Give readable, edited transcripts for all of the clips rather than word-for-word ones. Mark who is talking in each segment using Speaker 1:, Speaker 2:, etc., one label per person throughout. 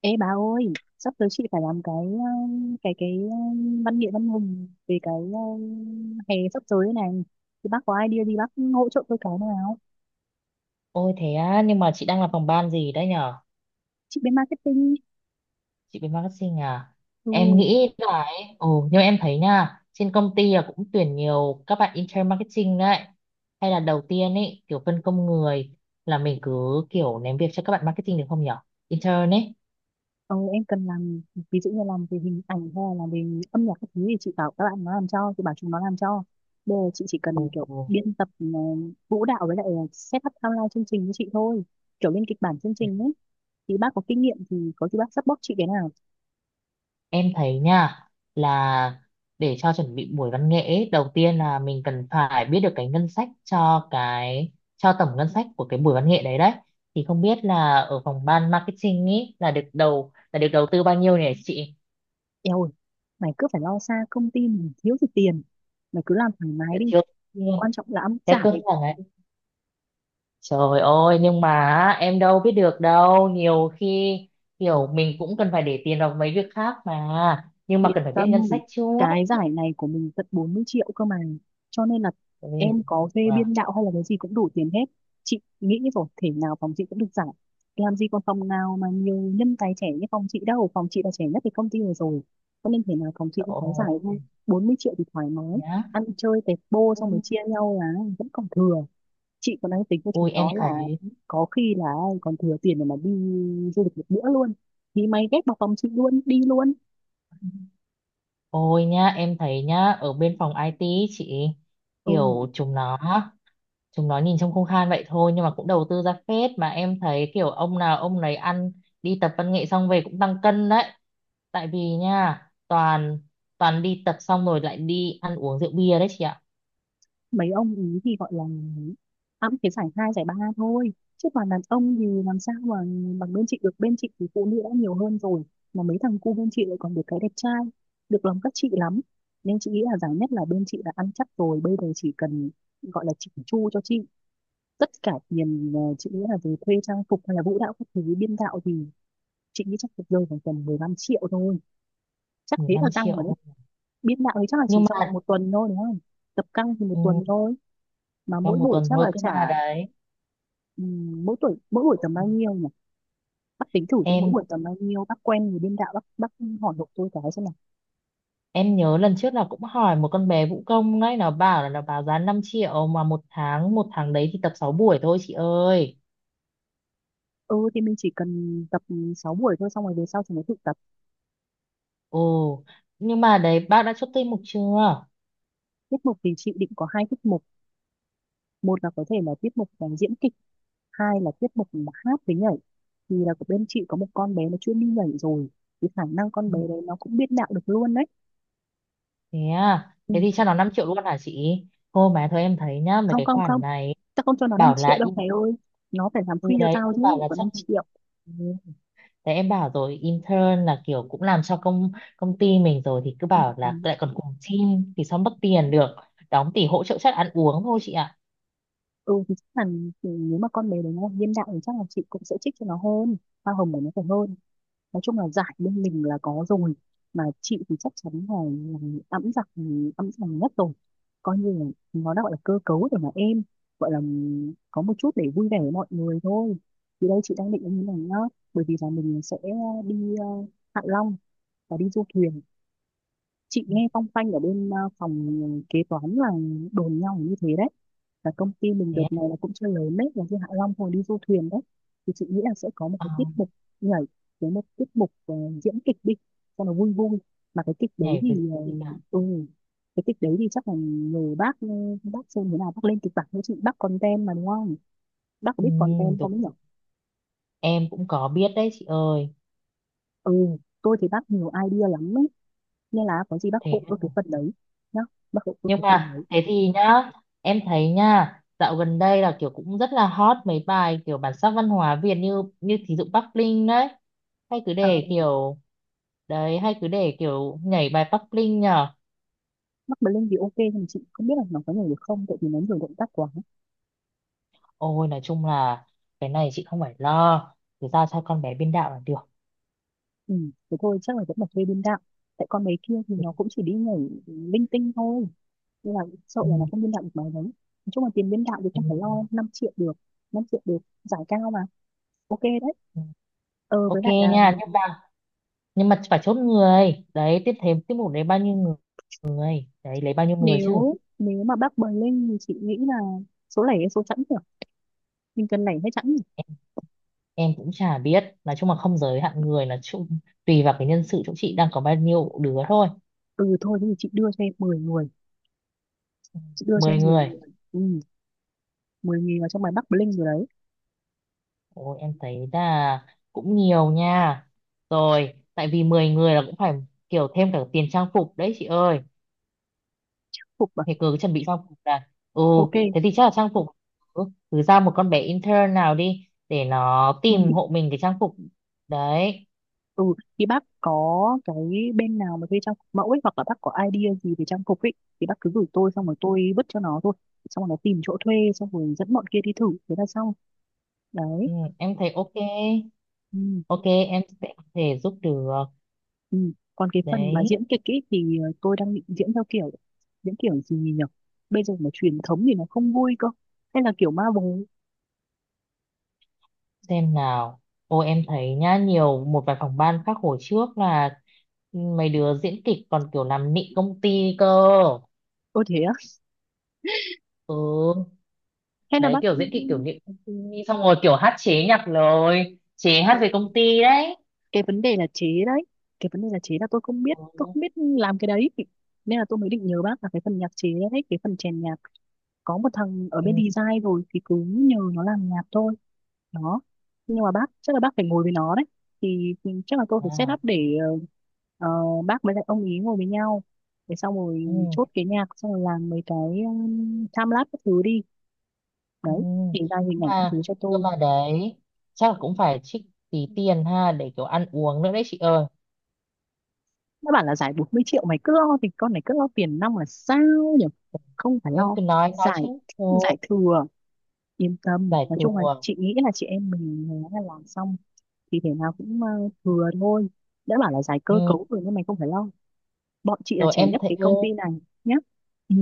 Speaker 1: Ê bà ơi, sắp tới chị phải làm cái văn nghệ văn hùng về cái hè sắp tới này. Thì bác có idea gì bác hỗ trợ tôi cái nào?
Speaker 2: Ôi thế á, nhưng mà chị đang làm phòng ban gì đấy nhở?
Speaker 1: Chị bên marketing.
Speaker 2: Chị bên marketing à? Em
Speaker 1: Ừ.
Speaker 2: nghĩ là ấy, ồ, nhưng mà em thấy nha, trên công ty là cũng tuyển nhiều các bạn intern marketing đấy. Hay là đầu tiên ấy, kiểu phân công người là mình cứ kiểu ném việc cho các bạn marketing được không nhở? Intern ấy.
Speaker 1: Ờ, em cần làm ví dụ như làm về hình ảnh hay là làm về âm nhạc các thứ thì chị bảo các bạn nó làm cho, chị bảo chúng nó làm cho. Bây giờ chị chỉ
Speaker 2: Ồ,
Speaker 1: cần kiểu biên tập vũ đạo với lại set up outline chương trình với chị thôi. Kiểu lên kịch bản chương trình ấy. Thì bác có kinh nghiệm thì có gì bác support chị cái nào?
Speaker 2: em thấy nha, là để cho chuẩn bị buổi văn nghệ ấy, đầu tiên là mình cần phải biết được cái ngân sách cho cái cho tổng ngân sách của cái buổi văn nghệ đấy đấy, thì không biết là ở phòng ban marketing ấy là được đầu tư bao nhiêu nhỉ chị?
Speaker 1: Eo ơi, mày cứ phải lo xa, công ty mình thiếu gì tiền. Mày cứ làm thoải mái
Speaker 2: Đã
Speaker 1: đi.
Speaker 2: thiếu luôn.
Speaker 1: Quan trọng là ăn
Speaker 2: Thế cơ
Speaker 1: giải.
Speaker 2: sở ấy, trời ơi, nhưng mà á, em đâu biết được đâu, nhiều khi kiểu mình cũng cần phải để tiền vào mấy việc khác mà, nhưng mà
Speaker 1: Yên
Speaker 2: cần phải biết
Speaker 1: tâm,
Speaker 2: ngân sách trước.
Speaker 1: cái giải này của mình tận 40 triệu cơ mà. Cho nên là
Speaker 2: Ôi,
Speaker 1: em có thuê
Speaker 2: wow.
Speaker 1: biên đạo hay là cái gì cũng đủ tiền hết. Chị nghĩ rồi, thể nào phòng chị cũng được giải. Làm gì còn phòng nào mà nhiều nhân tài trẻ như phòng chị đâu. Phòng chị là trẻ nhất cái công ty này rồi. Cho nên thể nào phòng chị
Speaker 2: Trời
Speaker 1: cũng có giải thôi.
Speaker 2: ơi,
Speaker 1: 40 triệu thì thoải mái.
Speaker 2: nhá.
Speaker 1: Ăn chơi tẹt bô xong rồi chia nhau là vẫn còn thừa. Chị còn đang tính cho
Speaker 2: Ôi
Speaker 1: chúng
Speaker 2: em
Speaker 1: nó là
Speaker 2: thấy,
Speaker 1: có khi là còn thừa tiền để mà đi du lịch một bữa luôn, thì mày ghép vào phòng chị luôn đi luôn.
Speaker 2: ôi nhá, em thấy nhá, ở bên phòng IT ý chị,
Speaker 1: Ừ,
Speaker 2: kiểu chúng nó, chúng nó nhìn trông không khan vậy thôi, nhưng mà cũng đầu tư ra phết mà, em thấy kiểu ông nào ông nấy ăn, đi tập văn nghệ xong về cũng tăng cân đấy. Tại vì nha, toàn toàn đi tập xong rồi lại đi ăn uống rượu bia đấy chị ạ.
Speaker 1: mấy ông ý thì gọi là ăn cái giải hai giải ba thôi, chứ còn đàn ông thì làm sao mà bằng bên chị được. Bên chị thì phụ nữ đã nhiều hơn rồi, mà mấy thằng cu bên chị lại còn được cái đẹp trai, được lòng các chị lắm. Nên chị nghĩ là giải nhất là bên chị đã ăn chắc rồi. Bây giờ chỉ cần gọi là chỉnh chu cho chị. Tất cả tiền chị nghĩ là về thuê trang phục hay là vũ đạo các thứ biên đạo thì chị nghĩ chắc được rơi vào tầm 15 triệu thôi. Chắc thế là
Speaker 2: 15
Speaker 1: căng rồi
Speaker 2: triệu
Speaker 1: đấy.
Speaker 2: thôi.
Speaker 1: Biên đạo thì chắc là chỉ
Speaker 2: Nhưng
Speaker 1: trong
Speaker 2: mà
Speaker 1: vòng một tuần thôi đúng không? Tập căng thì một
Speaker 2: ừ,
Speaker 1: tuần thôi, mà
Speaker 2: trong
Speaker 1: mỗi
Speaker 2: một
Speaker 1: buổi
Speaker 2: tuần
Speaker 1: chắc
Speaker 2: thôi
Speaker 1: là
Speaker 2: cơ
Speaker 1: trả
Speaker 2: mà đấy.
Speaker 1: mỗi tuổi mỗi buổi tầm bao nhiêu nhỉ? Bác tính thử xem mỗi
Speaker 2: Em
Speaker 1: buổi tầm bao nhiêu. Bác quen người biên đạo, bác hỏi hộ tôi cái xem nào.
Speaker 2: Em nhớ lần trước là cũng hỏi một con bé vũ công đấy, nó bảo là nó báo giá 5 triệu, mà một tháng đấy thì tập 6 buổi thôi chị ơi.
Speaker 1: Ừ thì mình chỉ cần tập 6 buổi thôi, xong rồi về sau thì mới tự tập.
Speaker 2: Ồ, nhưng mà đấy bác đã chốt tinh mục chưa?
Speaker 1: Tiết mục thì chị định có hai tiết mục. Một là có thể là tiết mục là diễn kịch, hai là tiết mục là hát với nhảy. Thì là của bên chị có một con bé nó chuyên đi nhảy rồi, thì khả năng con
Speaker 2: Ừ,
Speaker 1: bé đấy nó cũng biên đạo được luôn đấy.
Speaker 2: thế à,
Speaker 1: Ừ.
Speaker 2: thế thì cho nó 5 triệu luôn hả chị? Thôi mà thôi, em thấy nhá, mấy
Speaker 1: Không
Speaker 2: cái
Speaker 1: không không,
Speaker 2: khoản này
Speaker 1: tao không cho nó 5
Speaker 2: bảo
Speaker 1: triệu
Speaker 2: là
Speaker 1: đâu mày
Speaker 2: in,
Speaker 1: ơi. Nó phải làm
Speaker 2: từ
Speaker 1: free cho
Speaker 2: đấy
Speaker 1: tao
Speaker 2: tôi
Speaker 1: chứ
Speaker 2: bảo
Speaker 1: lại
Speaker 2: là
Speaker 1: còn
Speaker 2: chắc
Speaker 1: 5 triệu.
Speaker 2: ừ, đấy em bảo rồi, intern là kiểu cũng làm cho công công ty mình rồi, thì cứ
Speaker 1: Ừ,
Speaker 2: bảo
Speaker 1: ừ.
Speaker 2: là lại còn cùng team thì sao mất tiền được. Đóng tỷ hỗ trợ chắc ăn uống thôi chị ạ.
Speaker 1: Ừ, thì chắc là thì nếu mà con bé đấy nó hiện đại thì chắc là chị cũng sẽ trích cho nó hơn, hoa hồng của nó phải hơn. Nói chung là giải bên mình là có rồi, mà chị thì chắc chắn là ẵm giặc ẵm giằng nhất rồi. Coi như là nó đã gọi là cơ cấu để mà em gọi là có một chút để vui vẻ với mọi người thôi. Thì đây chị đang định như này nhá, bởi vì là mình sẽ đi Hạ Long và đi du thuyền. Chị
Speaker 2: Ừ,
Speaker 1: nghe phong phanh ở bên phòng kế toán là đồn nhau như thế đấy, và công ty mình
Speaker 2: thế
Speaker 1: đợt này
Speaker 2: à?
Speaker 1: là cũng chưa lớn đấy là như Hạ Long hồi đi du thuyền đấy. Thì chị nghĩ là sẽ có một
Speaker 2: Ờ.
Speaker 1: cái tiết mục nhảy với một tiết mục diễn kịch đi cho nó vui vui. Mà cái kịch đấy
Speaker 2: Nhảy với
Speaker 1: thì ờ,
Speaker 2: gì cả,
Speaker 1: ừ, cái kịch đấy thì chắc là người bác bác xem thế nào bác lên kịch bản với chị, bác content mà đúng không? Bác có
Speaker 2: ừ,
Speaker 1: biết content không
Speaker 2: đúng,
Speaker 1: ấy nhỉ?
Speaker 2: em cũng có biết đấy chị ơi.
Speaker 1: Ừ, tôi thì bác nhiều idea lắm ấy, nên là có gì bác
Speaker 2: Thế
Speaker 1: hộ tôi cái phần đấy nhá. Bác hộ tôi
Speaker 2: nhưng
Speaker 1: cái phần
Speaker 2: mà
Speaker 1: đấy.
Speaker 2: thế thì nhá, em thấy nha, dạo gần đây là kiểu cũng rất là hot mấy bài kiểu bản sắc văn hóa Việt, như như thí dụ Bắc Linh đấy, hay cứ
Speaker 1: À,
Speaker 2: để kiểu, đấy, hay cứ để kiểu nhảy bài Bắc Linh nhờ.
Speaker 1: Mắc Blink thì ok nhưng mà chị không biết là nó có nhảy được không, tại vì nó nhiều động tác quá.
Speaker 2: Ôi nói chung là cái này chị không phải lo, cứ giao cho con bé biên đạo là được.
Speaker 1: Ừ, thế thôi chắc là vẫn là thuê biên đạo. Tại con mấy kia thì
Speaker 2: Ừ,
Speaker 1: nó cũng chỉ đi nhảy linh tinh thôi, nên là sợ
Speaker 2: ừ,
Speaker 1: là nó không biên đạo được mấy đấy. Nói chung là tiền biên đạo thì không phải lo,
Speaker 2: ừ.
Speaker 1: 5 triệu được, 5 triệu được, giải cao mà. Ok đấy.
Speaker 2: Ừ.
Speaker 1: Ờ
Speaker 2: Ok
Speaker 1: với lại là
Speaker 2: nha, nhưng mà, nhưng mà phải chốt người đấy, tiếp thêm tiết mục đấy bao nhiêu người, người đấy lấy bao nhiêu người chứ.
Speaker 1: nếu nếu mà bác Blink thì chị nghĩ là số lẻ hay số chẵn nhỉ? Mình cần lẻ hay chẵn nhỉ?
Speaker 2: Em cũng chả biết, nói chung là không giới hạn người là chung, tùy vào cái nhân sự chỗ chị đang có bao nhiêu đứa thôi.
Speaker 1: Ừ thôi thế thì chị đưa cho em 10 người. Chị đưa cho em
Speaker 2: Mười
Speaker 1: 10
Speaker 2: người.
Speaker 1: người. Ừ. 10 người vào trong bài Bắc Bling rồi đấy.
Speaker 2: Ôi em thấy là cũng nhiều nha, rồi tại vì 10 người là cũng phải kiểu thêm cả tiền trang phục đấy chị ơi.
Speaker 1: Phục à?
Speaker 2: Thì cứ chuẩn bị trang phục là ừ,
Speaker 1: Ok.
Speaker 2: thế thì chắc là trang phục, ừ, cứ ra một con bé intern nào đi để nó
Speaker 1: Ừ,
Speaker 2: tìm hộ mình cái trang phục đấy.
Speaker 1: ừ thì bác có cái bên nào mà thuê trang phục mẫu ấy, hoặc là bác có idea gì về trang phục ấy thì bác cứ gửi tôi, xong rồi tôi vứt cho nó thôi, xong rồi nó tìm chỗ thuê xong rồi dẫn bọn kia đi thử thế là xong. Đấy.
Speaker 2: Ừ, em thấy ok.
Speaker 1: Ừ.
Speaker 2: Ok, em sẽ có thể giúp được.
Speaker 1: Ừ. Còn cái phần mà
Speaker 2: Đấy,
Speaker 1: diễn kịch ấy thì tôi đang định diễn theo kiểu diễn kiểu gì nhỉ? Bây giờ mà truyền thống thì nó không vui cơ, hay là kiểu ma bồ.
Speaker 2: xem nào, ô em thấy nhá, nhiều một vài phòng ban khác hồi trước là mấy đứa diễn kịch còn kiểu làm nịnh công ty cơ.
Speaker 1: Ôi thế á,
Speaker 2: Ừ,
Speaker 1: hay là
Speaker 2: đấy
Speaker 1: bác
Speaker 2: kiểu diễn kịch kiểu nịnh công ty, xong rồi kiểu hát chế nhạc, lời chế
Speaker 1: ừ,
Speaker 2: hát về công ty đấy.
Speaker 1: cái vấn đề là chế đấy. Cái vấn đề là chế là tôi không biết Tôi
Speaker 2: Ừ.
Speaker 1: không biết làm cái đấy. Nên là tôi mới định nhờ bác là cái phần nhạc chế đấy, cái phần chèn nhạc. Có một thằng ở
Speaker 2: Ừ.
Speaker 1: bên design rồi thì cứ nhờ nó làm nhạc thôi. Đó. Nhưng mà bác chắc là bác phải ngồi với nó đấy. Thì chắc là tôi phải set
Speaker 2: À,
Speaker 1: up để ờ, bác với lại ông ý ngồi với nhau, để xong rồi
Speaker 2: ừ.
Speaker 1: chốt cái nhạc xong rồi làm mấy cái time lapse các thứ đi.
Speaker 2: Ừ.
Speaker 1: Đấy thì ra
Speaker 2: Cơ
Speaker 1: hình ảnh các
Speaker 2: mà
Speaker 1: thứ cho
Speaker 2: Cơ
Speaker 1: tôi.
Speaker 2: mà đấy chắc là cũng phải trích tí tiền ha, để kiểu ăn uống nữa đấy chị ơi.
Speaker 1: Nó bảo là giải 40 triệu, mày cứ lo thì, con này cứ lo tiền nong là sao nhỉ? Không phải
Speaker 2: Em
Speaker 1: lo,
Speaker 2: cứ nói
Speaker 1: giải,
Speaker 2: chứ, thua,
Speaker 1: giải thừa. Yên tâm,
Speaker 2: giải
Speaker 1: nói chung là
Speaker 2: thua.
Speaker 1: chị nghĩ là chị em mình nó là làm xong thì thể nào cũng thừa thôi. Đã bảo là giải cơ
Speaker 2: Ừ.
Speaker 1: cấu rồi, nhưng mày không phải lo. Bọn chị là
Speaker 2: Rồi
Speaker 1: trẻ
Speaker 2: em
Speaker 1: nhất
Speaker 2: thấy
Speaker 1: cái
Speaker 2: ừ,
Speaker 1: công ty này nhá. Ừ.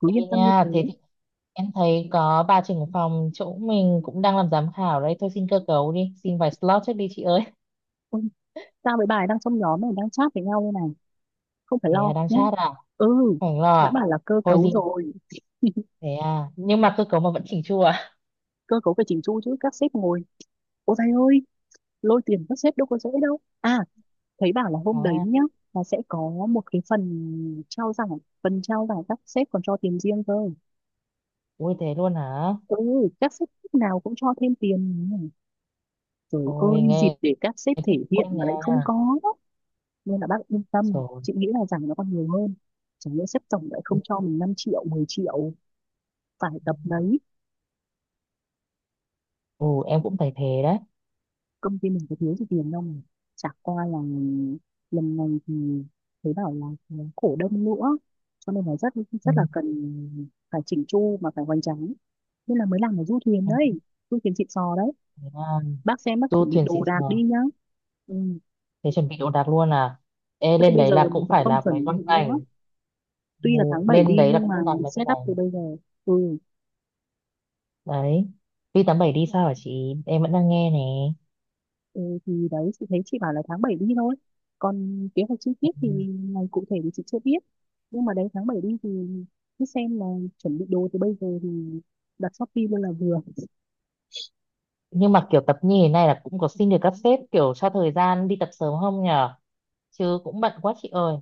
Speaker 1: Cứ
Speaker 2: ê
Speaker 1: yên tâm như
Speaker 2: nha
Speaker 1: thế.
Speaker 2: thế thì, em thấy có bà trưởng phòng chỗ mình cũng đang làm giám khảo đấy thôi, xin cơ cấu đi, xin vài slot trước đi chị ơi.
Speaker 1: Ôi, tao với bà ấy đang trong nhóm này đang chat với nhau đây này. Không phải
Speaker 2: Thế à,
Speaker 1: lo
Speaker 2: đang
Speaker 1: nhá.
Speaker 2: chat à?
Speaker 1: Ừ,
Speaker 2: Khoảng lo
Speaker 1: đã
Speaker 2: à?
Speaker 1: bảo là cơ
Speaker 2: Thôi
Speaker 1: cấu
Speaker 2: gì,
Speaker 1: rồi.
Speaker 2: thế à, nhưng mà cơ cấu mà vẫn chỉnh chu à?
Speaker 1: Cơ cấu phải chỉnh chu chứ, các sếp ngồi. Ôi thầy ơi, lôi tiền các sếp đâu có dễ đâu à. Thấy bảo là hôm đấy nhá,
Speaker 2: À,
Speaker 1: là sẽ có một cái phần trao giải. Phần trao giải các sếp còn cho tiền riêng cơ.
Speaker 2: ui thế luôn hả?
Speaker 1: Ừ, các sếp lúc nào cũng cho thêm tiền. Trời
Speaker 2: Ôi
Speaker 1: ơi, dịp
Speaker 2: nghe,
Speaker 1: để các sếp
Speaker 2: em
Speaker 1: thể
Speaker 2: thích quá
Speaker 1: hiện mà
Speaker 2: nha.
Speaker 1: lại không có. Nên là bác yên tâm,
Speaker 2: Trời,
Speaker 1: chị nghĩ là rằng nó còn nhiều hơn. Chẳng lẽ sếp tổng lại không
Speaker 2: ừ.
Speaker 1: cho mình 5 triệu, 10 triệu, phải tập đấy.
Speaker 2: Ừ em cũng thấy thế đấy.
Speaker 1: Công ty mình có thiếu gì tiền đâu mà. Chả qua là lần này thì thấy bảo là cổ đông nữa. Cho nên là rất rất là
Speaker 2: Ừ.
Speaker 1: cần phải chỉnh chu, mà phải hoành tráng. Nên là mới làm ở du thuyền
Speaker 2: Em
Speaker 1: đấy, du thuyền xịn sò đấy.
Speaker 2: thấy, à,
Speaker 1: Bác xem bác
Speaker 2: du
Speaker 1: chuẩn bị
Speaker 2: thuyền
Speaker 1: đồ
Speaker 2: xịn
Speaker 1: đạc
Speaker 2: sò,
Speaker 1: đi nhá. Ừ.
Speaker 2: thế chuẩn bị đồ đạc luôn à? Ê
Speaker 1: Thế thì
Speaker 2: lên
Speaker 1: bây
Speaker 2: đấy
Speaker 1: giờ
Speaker 2: là
Speaker 1: mình
Speaker 2: cũng
Speaker 1: còn
Speaker 2: phải
Speaker 1: không
Speaker 2: làm mấy
Speaker 1: chuẩn
Speaker 2: con
Speaker 1: bị nữa,
Speaker 2: ảnh, ừ,
Speaker 1: tuy là tháng 7
Speaker 2: lên
Speaker 1: đi
Speaker 2: đấy là
Speaker 1: nhưng mà
Speaker 2: cũng làm mấy cái
Speaker 1: set up
Speaker 2: này
Speaker 1: từ bây giờ. Ừ,
Speaker 2: đấy. Vi 87 đi sao hả chị, em vẫn đang nghe nè.
Speaker 1: ừ thì đấy chị thấy chị bảo là tháng 7 đi thôi, còn kế hoạch chi
Speaker 2: Ừ.
Speaker 1: tiết thì ngày cụ thể thì chị chưa biết. Nhưng mà đấy tháng 7 đi thì cứ xem là chuẩn bị đồ từ bây giờ thì đặt Shopee luôn là vừa.
Speaker 2: Nhưng mà kiểu tập như thế này là cũng có xin được các sếp kiểu cho thời gian đi tập sớm không nhở? Chứ cũng bận quá chị ơi.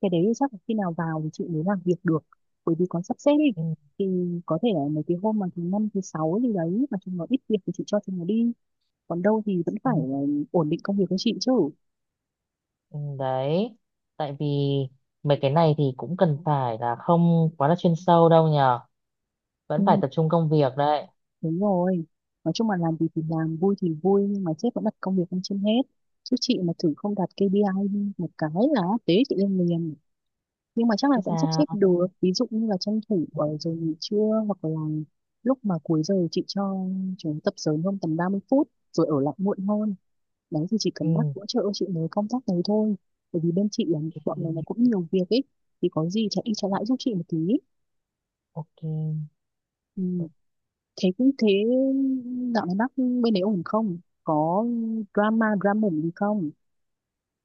Speaker 1: Cái đấy chắc là khi nào vào thì chị mới làm việc được, bởi vì còn sắp xếp đi.
Speaker 2: Ừ,
Speaker 1: Thì có thể là mấy cái hôm mà thứ 5 thứ 6 gì đấy mà chúng nó ít việc thì chị cho chúng nó đi, còn đâu thì vẫn
Speaker 2: ừ,
Speaker 1: phải ổn định công việc của chị chứ.
Speaker 2: ừ, đấy, tại vì mấy cái này thì cũng cần phải là không quá là chuyên sâu đâu nhở, vẫn
Speaker 1: Ừ.
Speaker 2: phải tập trung công việc đấy
Speaker 1: Đúng rồi. Nói chung là làm gì thì làm, vui thì vui, nhưng mà sếp vẫn đặt công việc lên trên hết. Chứ chị mà thử không đạt KPI một cái là tế chị lên liền. Nhưng mà chắc là
Speaker 2: chứ
Speaker 1: vẫn sắp xếp
Speaker 2: sao.
Speaker 1: được. Ví dụ như là tranh thủ
Speaker 2: Ừ,
Speaker 1: ở giờ nghỉ trưa, hoặc là lúc mà cuối giờ chị cho chúng tập sớm hơn tầm 30 phút rồi ở lại muộn hơn. Đấy thì chỉ cần bác
Speaker 2: ừ,
Speaker 1: hỗ trợ chị mới công tác đấy thôi. Bởi vì bên chị là bọn này nó
Speaker 2: ok.
Speaker 1: cũng nhiều việc ấy. Thì có gì chạy đi chạy lại giúp chị một tí. Ừ.
Speaker 2: Ok.
Speaker 1: Thế cũng thế, dạo này bác bên đấy ổn không? Có drama drama mủng gì không?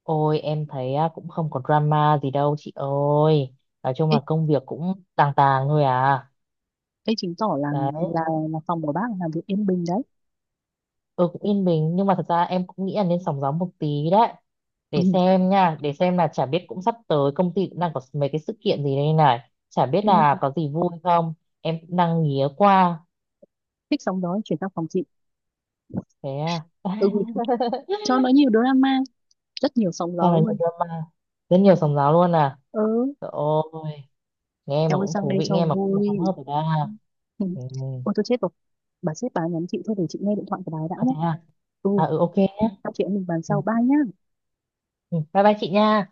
Speaker 2: Ôi em thấy á, cũng không có drama gì đâu chị ơi. Nói chung
Speaker 1: Ê,
Speaker 2: là công việc cũng tàng tàng thôi à.
Speaker 1: ê chứng tỏ là
Speaker 2: Đấy,
Speaker 1: là là phòng của bác làm việc yên bình đấy.
Speaker 2: ừ cũng yên bình, nhưng mà thật ra em cũng nghĩ là nên sóng gió một tí đấy.
Speaker 1: Ừ.
Speaker 2: Để xem nha, để xem là chả biết, cũng sắp tới công ty cũng đang có mấy cái sự kiện gì đây này. Chả biết là có gì vui không. Em cũng đang nghía qua.
Speaker 1: Thích sóng gió chuyển sang phòng chị.
Speaker 2: Thế à.
Speaker 1: Ừ, cho nó nhiều drama, rất nhiều sóng
Speaker 2: Sao
Speaker 1: gió
Speaker 2: là nhiều
Speaker 1: luôn.
Speaker 2: drama. Rất
Speaker 1: Ừ,
Speaker 2: nhiều sóng gió luôn à.
Speaker 1: ừ
Speaker 2: Trời ơi, nghe mà
Speaker 1: em ơi
Speaker 2: cũng
Speaker 1: sang
Speaker 2: thú
Speaker 1: đây
Speaker 2: vị,
Speaker 1: cho
Speaker 2: nghe mà cũng không
Speaker 1: vui.
Speaker 2: hớp được ra.
Speaker 1: Ừ.
Speaker 2: Ừ.
Speaker 1: Ôi tôi chết rồi. Bà sếp bà nhắn chị thôi, để chị nghe điện thoại của bà ấy đã
Speaker 2: À,
Speaker 1: nhé.
Speaker 2: thế à?
Speaker 1: Ừ,
Speaker 2: À ừ ok nhé.
Speaker 1: sau chị em mình bàn
Speaker 2: Ừ,
Speaker 1: sau ba nhá.
Speaker 2: ừ, bye bye chị nha.